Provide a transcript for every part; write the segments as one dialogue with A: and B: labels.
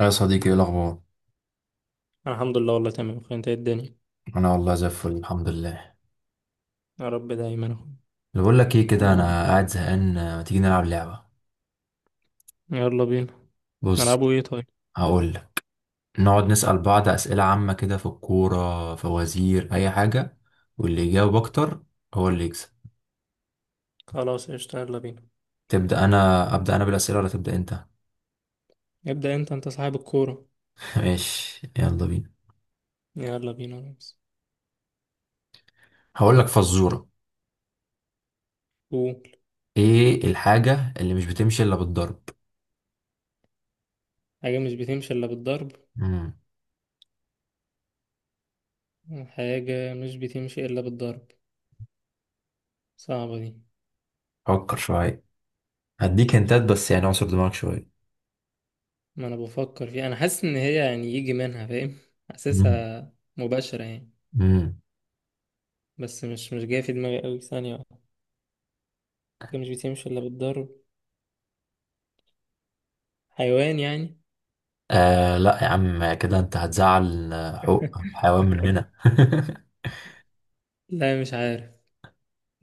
A: يا صديقي، ايه الاخبار؟
B: الحمد لله، والله تمام اخويا. انت إيه الدنيا؟
A: انا والله زي الفل، الحمد لله.
B: يا رب دايما اخويا.
A: اللي بقول لك ايه كده، انا قاعد زهقان، ما تيجي نلعب لعبه؟
B: يلا بينا.
A: بص،
B: نلعبوا ايه طيب؟
A: هقول لك. نقعد نسال بعض اسئله عامه كده، في الكوره، فوازير، اي حاجه، واللي يجاوب اكتر هو اللي يكسب.
B: خلاص قشطة، يلا بينا.
A: تبدا انا ابدا انا بالاسئله ولا تبدا انت؟
B: ابدأ انت، انت صاحب الكورة.
A: ماشي، يلا بينا.
B: يلا بينا يا ريس.
A: هقول لك فزوره:
B: قول.
A: ايه الحاجه اللي مش بتمشي الا بالضرب؟
B: حاجة مش بتمشي الا بالضرب.
A: امم
B: حاجة مش بتمشي الا بالضرب. صعبة دي.
A: فكر شويه، هديك هنتات بس يعني، اعصر دماغك شويه.
B: ما انا بفكر فيها، انا حاسس ان هي يعني يجي منها، فاهم؟ حاسسها مباشرة يعني.
A: امم
B: بس مش جاية في دماغي قوي، ثانية واحدة. حاجة مش بتمشي الا بالضرب. حيوان يعني؟
A: آه لا يا عم، كده انت هتزعل. حقوق الحيوان مننا.
B: لا مش عارف.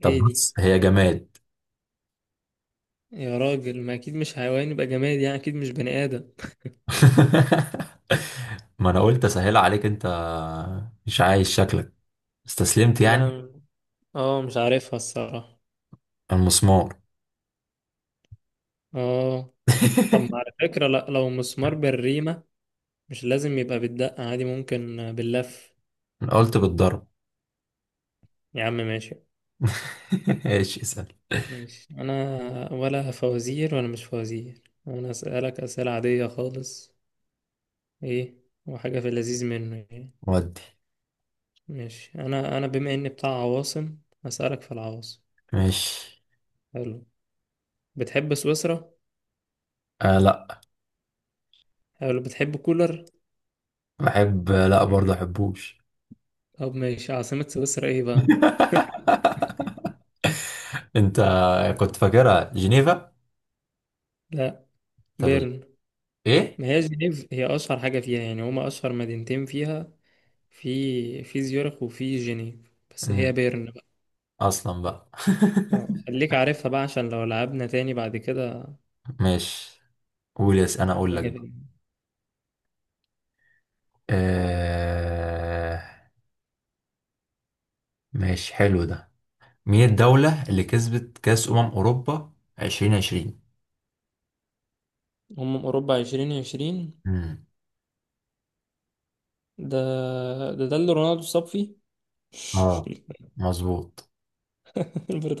A: طب
B: ايه دي؟
A: بص، هي جماد.
B: يا راجل ما اكيد مش حيوان، يبقى جماد يعني، اكيد مش بني ادم.
A: ما انا قلت اسهل عليك انت، مش عايز. شكلك استسلمت يعني.
B: لا، اه مش عارفها الصراحة.
A: المسمار.
B: اه، طب ما على فكرة لا، لو مسمار بالريمة مش لازم يبقى بالدقة، عادي ممكن باللف.
A: انا قلت بالضرب.
B: يا عم ماشي.
A: ايش اسأل؟
B: ماشي انا، ولا فوازير ولا مش فوازير، انا اسألك اسئلة عادية خالص. ايه وحاجة في اللذيذ منه يعني.
A: ودي
B: ماشي انا، انا بما اني بتاع عواصم اسألك في العواصم.
A: ماشي.
B: حلو، بتحب سويسرا؟
A: آه لا،
B: حلو، بتحب كولر؟
A: بحب لا برضه احبوش.
B: طب ماشي، عاصمة سويسرا ايه بقى؟
A: انت كنت فاكرها جنيفا؟
B: لا،
A: طب
B: بيرن.
A: ايه؟
B: ما هي جنيف هي أشهر حاجة فيها يعني، هما أشهر مدينتين فيها، في زيورخ وفي جنيف، بس هي
A: مم.
B: بيرن بقى.
A: اصلا بقى.
B: اه خليك عارفها بقى عشان لو لعبنا تاني بعد كده
A: ماشي، قول يس انا اقول
B: تبقى
A: لك بقى.
B: جامد.
A: آه... ماشي، حلو ده. مين الدولة اللي كسبت كأس أمم أوروبا 2020؟
B: أمم أوروبا عشرين عشرين؟
A: امم
B: ده، ده اللي رونالدو اتصاب فيه.
A: اه، مظبوط.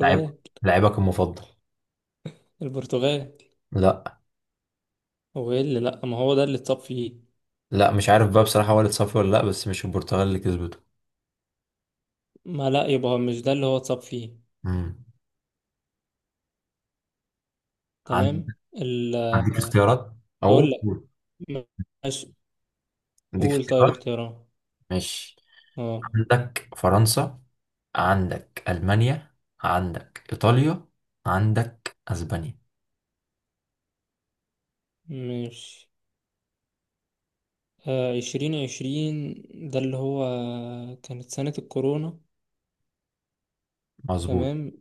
A: لعيب، لعيبك المفضل.
B: البرتغال.
A: لا،
B: هو ايه اللي لأ؟ ما هو ده اللي اتصاب فيه.
A: لا مش عارف بقى بصراحة والد صفي ولا لا، بس مش البرتغال اللي كسبته.
B: ما لأ، يبقى مش ده اللي هو اتصاب فيه.
A: امم عندك،
B: تمام
A: عندك اختيارات او
B: هقول لك.
A: قول.
B: ماشي.
A: عندك
B: قول طيب
A: اختيارات،
B: اختيارات.
A: ماشي.
B: اه
A: عندك فرنسا، عندك ألمانيا، عندك إيطاليا، عندك أسبانيا.
B: ماشي. آه عشرين عشرين، ده اللي هو كانت سنة الكورونا.
A: مظبوط.
B: تمام،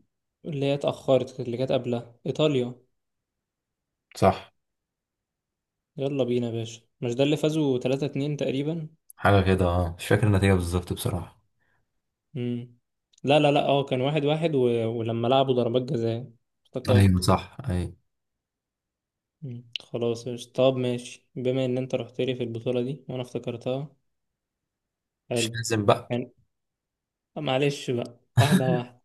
B: اللي هي اتأخرت، اللي كانت قبلها إيطاليا.
A: صح،
B: يلا بينا يا باشا. مش ده اللي فازوا تلاتة اتنين تقريبا؟
A: حاجة كده، اه مش فاكر النتيجة بالظبط بصراحة.
B: مم. لا لا لا، اه كان واحد واحد ولما لعبوا ضربات جزاء
A: ايوه ايوه
B: افتكرت.
A: صح ايوه.
B: مم. خلاص يا، طب ماشي بما ان انت رحت لي في البطولة دي وانا افتكرتها،
A: مش
B: حلو.
A: لازم بقى.
B: يعني معلش بقى واحدة واحدة،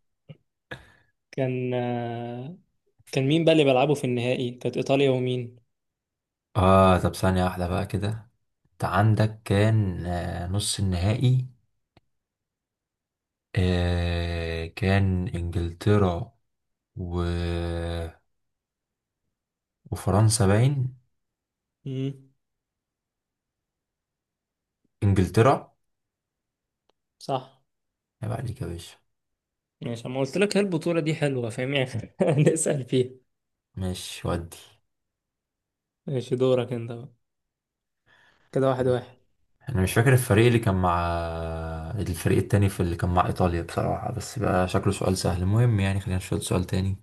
B: كان آه، كان مين بقى اللي بيلعبوا في النهائي؟ كانت ايطاليا ومين؟
A: اه طب ثانية واحدة بقى كده. انت عندك كان، نص النهائي. آه كان انجلترا و... وفرنسا باين.
B: امم،
A: انجلترا.
B: صح.
A: يبقى عليك يا باشا.
B: ماشي، ما قلت لك هي البطولة دي حلوة، فاهم يعني؟ نسأل فيها.
A: ماشي ودي.
B: ماشي، دورك انت بقى. كده واحد واحد.
A: انا مش فاكر الفريق اللي كان مع، الفريق التاني في اللي كان مع ايطاليا بصراحة، بس بقى شكله سؤال سهل. المهم يعني خلينا نشوف سؤال تاني.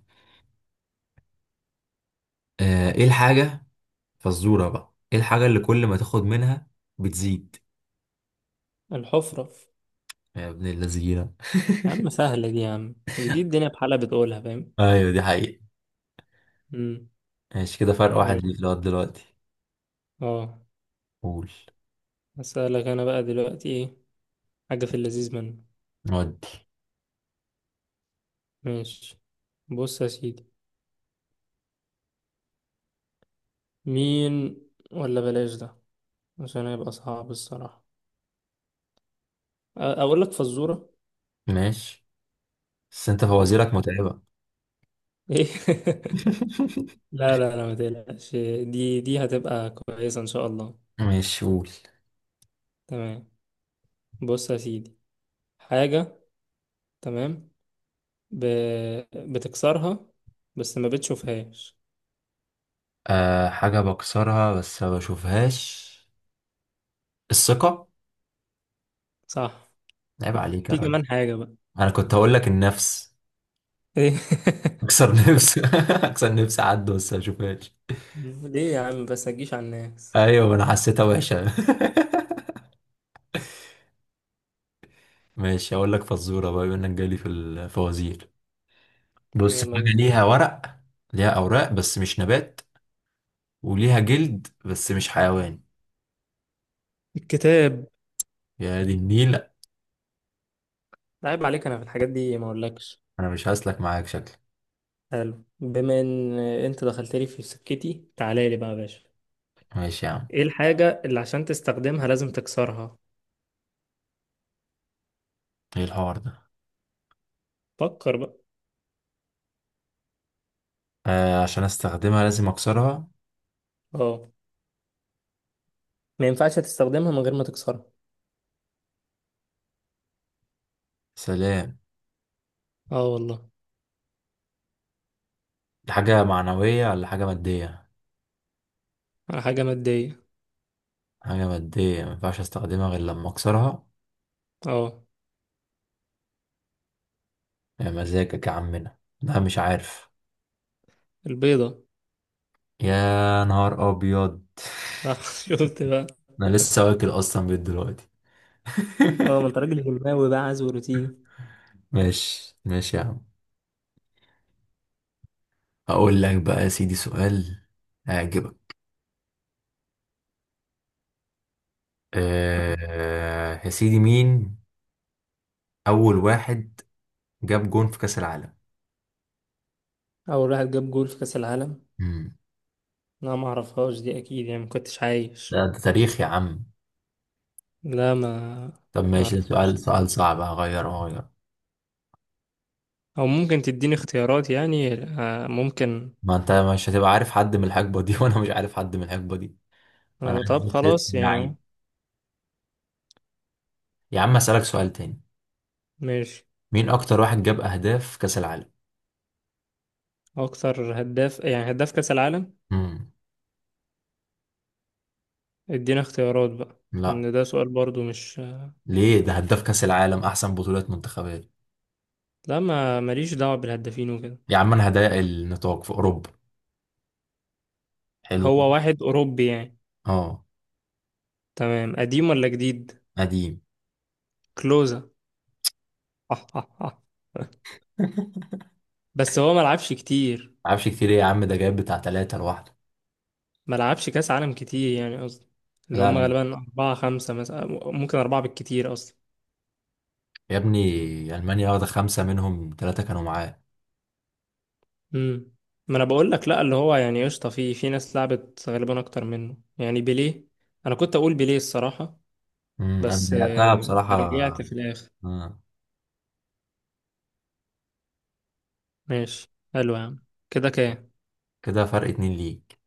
A: ايه الحاجة، فزورة بقى، ايه الحاجة اللي كل ما تاخد منها بتزيد؟
B: الحفرة.
A: يا ابن اللذينة.
B: يا عم سهلة دي يا عم، دي الدنيا بحالها بتقولها، فاهم؟
A: ايوه دي حقيقة.
B: امم.
A: ماشي، كده فرق واحد
B: ماشي.
A: ليك لغاية دلوقتي.
B: اه
A: قول.
B: هسألك انا بقى دلوقتي ايه. حاجة في اللذيذ منه.
A: نودي
B: ماشي، بص يا سيدي. مين؟ ولا بلاش ده، عشان هيبقى صعب الصراحة. اقول لك فزورة.
A: ماشي، بس انت فوازيرك
B: تمام.
A: متعبة.
B: ايه. لا لا لا ما تقلقش، دي هتبقى كويسة إن شاء الله.
A: ماشي قول.
B: تمام. بص يا سيدي، حاجة، تمام. ب... بتكسرها بس ما بتشوفهاش.
A: أه، حاجة بكسرها بس ما بشوفهاش، الثقة.
B: صح،
A: عيب عليك يا
B: في
A: راجل.
B: كمان حاجة بقى.
A: انا كنت هقول لك النفس.
B: إيه؟
A: اكسر نفس اكسر نفس، عد بس ما بشوفهاش.
B: ليه يا عم بس، هتجيش على الناس؟
A: ايوه ما انا حسيتها وحشة. ماشي، هقول لك فزورة بقى بما انك جالي في الفوازير. بص،
B: يلا
A: حاجة
B: بينا.
A: ليها ورق، ليها أوراق بس مش نبات، وليها جلد بس مش حيوان.
B: الكتاب.
A: يا دي النيل.
B: عيب عليك، أنا في الحاجات دي ما أقولكش.
A: أنا مش هسلك معاك شكلك.
B: حلو، بما إن أنت دخلت لي في سكتي، تعالى لي بقى يا باشا.
A: ماشي يا عم.
B: إيه الحاجة اللي عشان تستخدمها لازم تكسرها؟
A: إيه الحوار ده؟
B: فكر بقى.
A: آه، عشان أستخدمها لازم أكسرها.
B: اه، ما ينفعش تستخدمها من غير ما تكسرها.
A: سلام.
B: اه والله.
A: دي حاجة معنوية ولا حاجة مادية؟
B: حاجة مادية.
A: حاجة مادية مينفعش أستخدمها غير لما أكسرها.
B: اه.
A: يا مزاجك يا عمنا، لا مش عارف.
B: البيضة.
A: يا نهار أبيض.
B: آه، شفت بقى.
A: أنا لسه واكل أصلا بيت دلوقتي.
B: اه ما انت راجل هلماوي بقى، عايز روتين.
A: ماشي ماشي يا عم. هقول لك بقى يا سيدي سؤال هيعجبك. أه يا سيدي، مين أول واحد جاب جون في كأس العالم؟
B: أول واحد جاب جول في كأس العالم.
A: مم.
B: لا ما أعرفهاش دي أكيد، يعني ما كنتش عايش.
A: ده, ده تاريخ يا عم.
B: لا ما،
A: طب
B: ما
A: ماشي، ده
B: أعرفهاش
A: سؤال، سؤال
B: الصراحة.
A: صعب هغير هغير
B: أو ممكن تديني اختيارات يعني، ممكن.
A: ما أنت مش هتبقى عارف حد من الحقبة دي وأنا مش عارف حد من الحقبة دي. أنا عارف
B: طب
A: بس اسم
B: خلاص يعني.
A: اللعيب. يا عم أسألك سؤال تاني.
B: ماشي.
A: مين أكتر واحد جاب أهداف في كأس العالم؟
B: أكتر هداف يعني، هداف كأس العالم.
A: مم.
B: ادينا اختيارات بقى.
A: لا،
B: إن ده سؤال برضو مش.
A: ليه؟ ده هداف كأس العالم، أحسن بطولات منتخبات.
B: لا، ما ماليش دعوة بالهدافين وكده.
A: يا عم أنا هضيق النطاق في أوروبا، حلو كده؟
B: هو واحد أوروبي يعني؟
A: أه،
B: تمام، قديم ولا جديد؟
A: قديم.
B: كلوزا. بس هو ملعبش كتير.
A: معرفش كتير ايه يا عم، ده جايب بتاع تلاتة لوحده.
B: ملعبش كأس عالم كتير يعني، قصدي اللي
A: لا،
B: هم غالبا أربعة خمسة مثلا. ممكن أربعة بالكتير أصلا.
A: يا ابني، ألمانيا واخدة خمسة منهم تلاتة كانوا معاه.
B: امم. ما أنا بقول لك لأ، اللي هو يعني قشطة، في في ناس لعبت غالبا أكتر منه يعني، بيليه. أنا كنت أقول بيليه الصراحة.
A: أنا
B: بس
A: ضيعتها بصراحة.
B: رجعت في الآخر.
A: آه.
B: ماشي. حلو يا عم، كده كام؟
A: كده فرق اتنين ليك.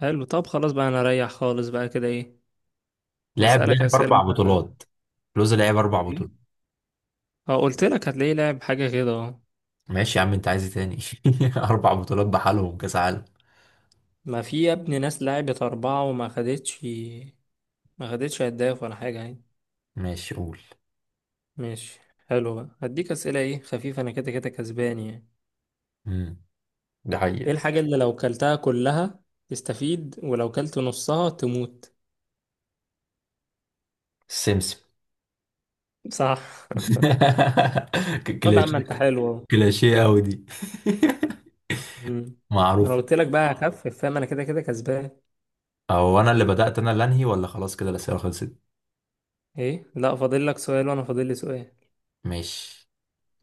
B: حلو، طب خلاص بقى أنا أريح خالص بقى كده، إيه؟
A: لعب
B: وأسألك
A: لعب أربع
B: أسئلة.
A: بطولات. لوز لعب أربع
B: إيه؟
A: بطولات.
B: اه، قلت لك هتلاقيه لعب حاجة كده، اه.
A: ماشي يا عم أنت عايز ايه تاني؟ أربع بطولات بحالهم كأس عالم.
B: ما في يا ابني ناس لعبت أربعة وما خدتش، ما خدتش هداف ولا حاجة يعني.
A: ماشي قول.
B: ماشي. حلو بقى، هديك أسئلة ايه خفيفة، أنا كده كده كسبان يعني.
A: أمم، ده
B: ايه
A: حقيقة.
B: الحاجة اللي لو كلتها كلها تستفيد، ولو كلت نصها تموت؟
A: السمسم.
B: صح. طب يا عم
A: كلاشيه.
B: انت حلو اهو.
A: كلاشيه أوي دي.
B: مم. انا
A: معروف.
B: قلت لك بقى هخفف، فاهم؟ انا كده كده كسبان.
A: هو أنا اللي بدأت أنا اللي أنهي ولا خلاص كده الأسئلة خلصت؟
B: ايه، لا فاضل لك سؤال وانا فاضل لي سؤال.
A: ماشي.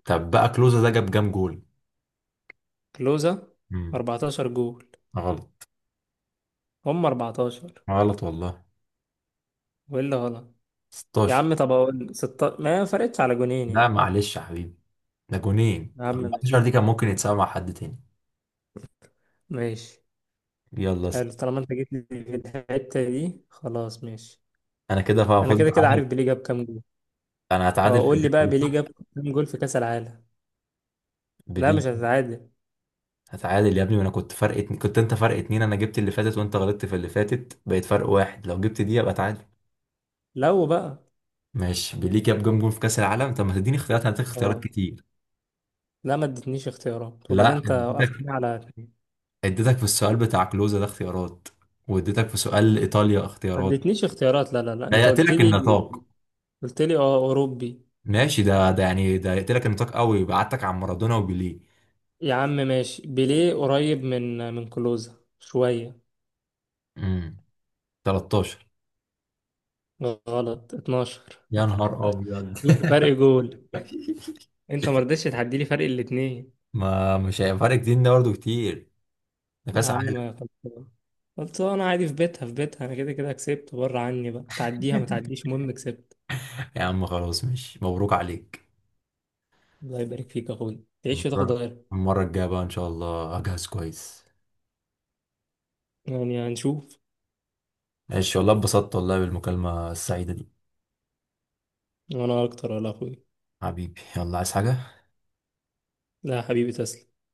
A: طب بقى كلوزا ده جاب كام جول؟
B: كلوزا،
A: امم
B: 14 جول.
A: غلط.
B: هم 14.
A: غلط والله.
B: وايه اللي غلط؟ يا
A: 16.
B: عم طب اقول ستة، ما فرقتش على جونين
A: لا
B: يعني.
A: معلش يا حبيبي، ده جونين،
B: يا عم
A: 14
B: ماشي.
A: دي كان ممكن يتساوي مع حد تاني.
B: ماشي.
A: يلا
B: حلو،
A: اسأل.
B: طالما انت جيت لي في الحتة دي خلاص ماشي.
A: انا كده
B: انا
A: فوز
B: كده كده
A: اتعادل.
B: عارف بيليه جاب كام جول.
A: انا هتعادل
B: اه
A: في
B: قول لي بقى،
A: الجيم،
B: بيليه جاب
A: صح؟
B: كام جول في كأس العالم؟ لا
A: بليه.
B: مش هتتعادل.
A: هتعادل يا ابني، وانا كنت فرق اتنين، كنت انت فرق اتنين، انا جبت اللي فاتت وانت غلطت في اللي فاتت، بقيت فرق واحد، لو جبت دي يبقى تعادل.
B: لو بقى.
A: ماشي. بليه جاب جون جون في كاس العالم؟ طب ما تديني اختيارات، انا هديك اختيارات
B: اه،
A: كتير.
B: لا ما ادتنيش اختيارات، وبعدين
A: لا
B: انت
A: اديتك،
B: وقفتني على اتنين.
A: اديتك في السؤال بتاع كلوزا ده اختيارات، واديتك في سؤال ايطاليا
B: ما
A: اختيارات.
B: ادتنيش اختيارات، لا لا لا
A: ده
B: انت قلت
A: يقتلك
B: لي،
A: النطاق.
B: قلت لي اه اوروبي.
A: ماشي، ده ده يعني ده يقتلك النطاق قوي، يبعتك عن مارادونا وبيليه.
B: يا عم ماشي. بيليه قريب من كلوزا شوية.
A: امم 13.
B: غلط، 12.
A: يا نهار ابيض.
B: شوف فرق جول. انت ما رضيتش تعدي لي فرق الاتنين.
A: ما مش هيبقى فرق كتير، ده برضه كتير، ده
B: يا
A: كاس عالم.
B: عم خلصان، خلصان عادي، في بيتها في بيتها، انا كده كده كسبت. بره عني بقى، تعديها ما تعديش، المهم كسبت.
A: يا عم خلاص، مش مبروك عليك.
B: الله يبارك فيك يا اخويا، تعيش وتاخد
A: المرة،
B: غيرها.
A: المرة الجاية بقى إن شاء الله أجهز كويس.
B: يعني هنشوف.
A: ماشي والله، اتبسطت والله بالمكالمة السعيدة دي.
B: وانا اكتر ولا اخويا.
A: حبيبي، يلا، عايز حاجة؟
B: لا يا حبيبي، تسلم.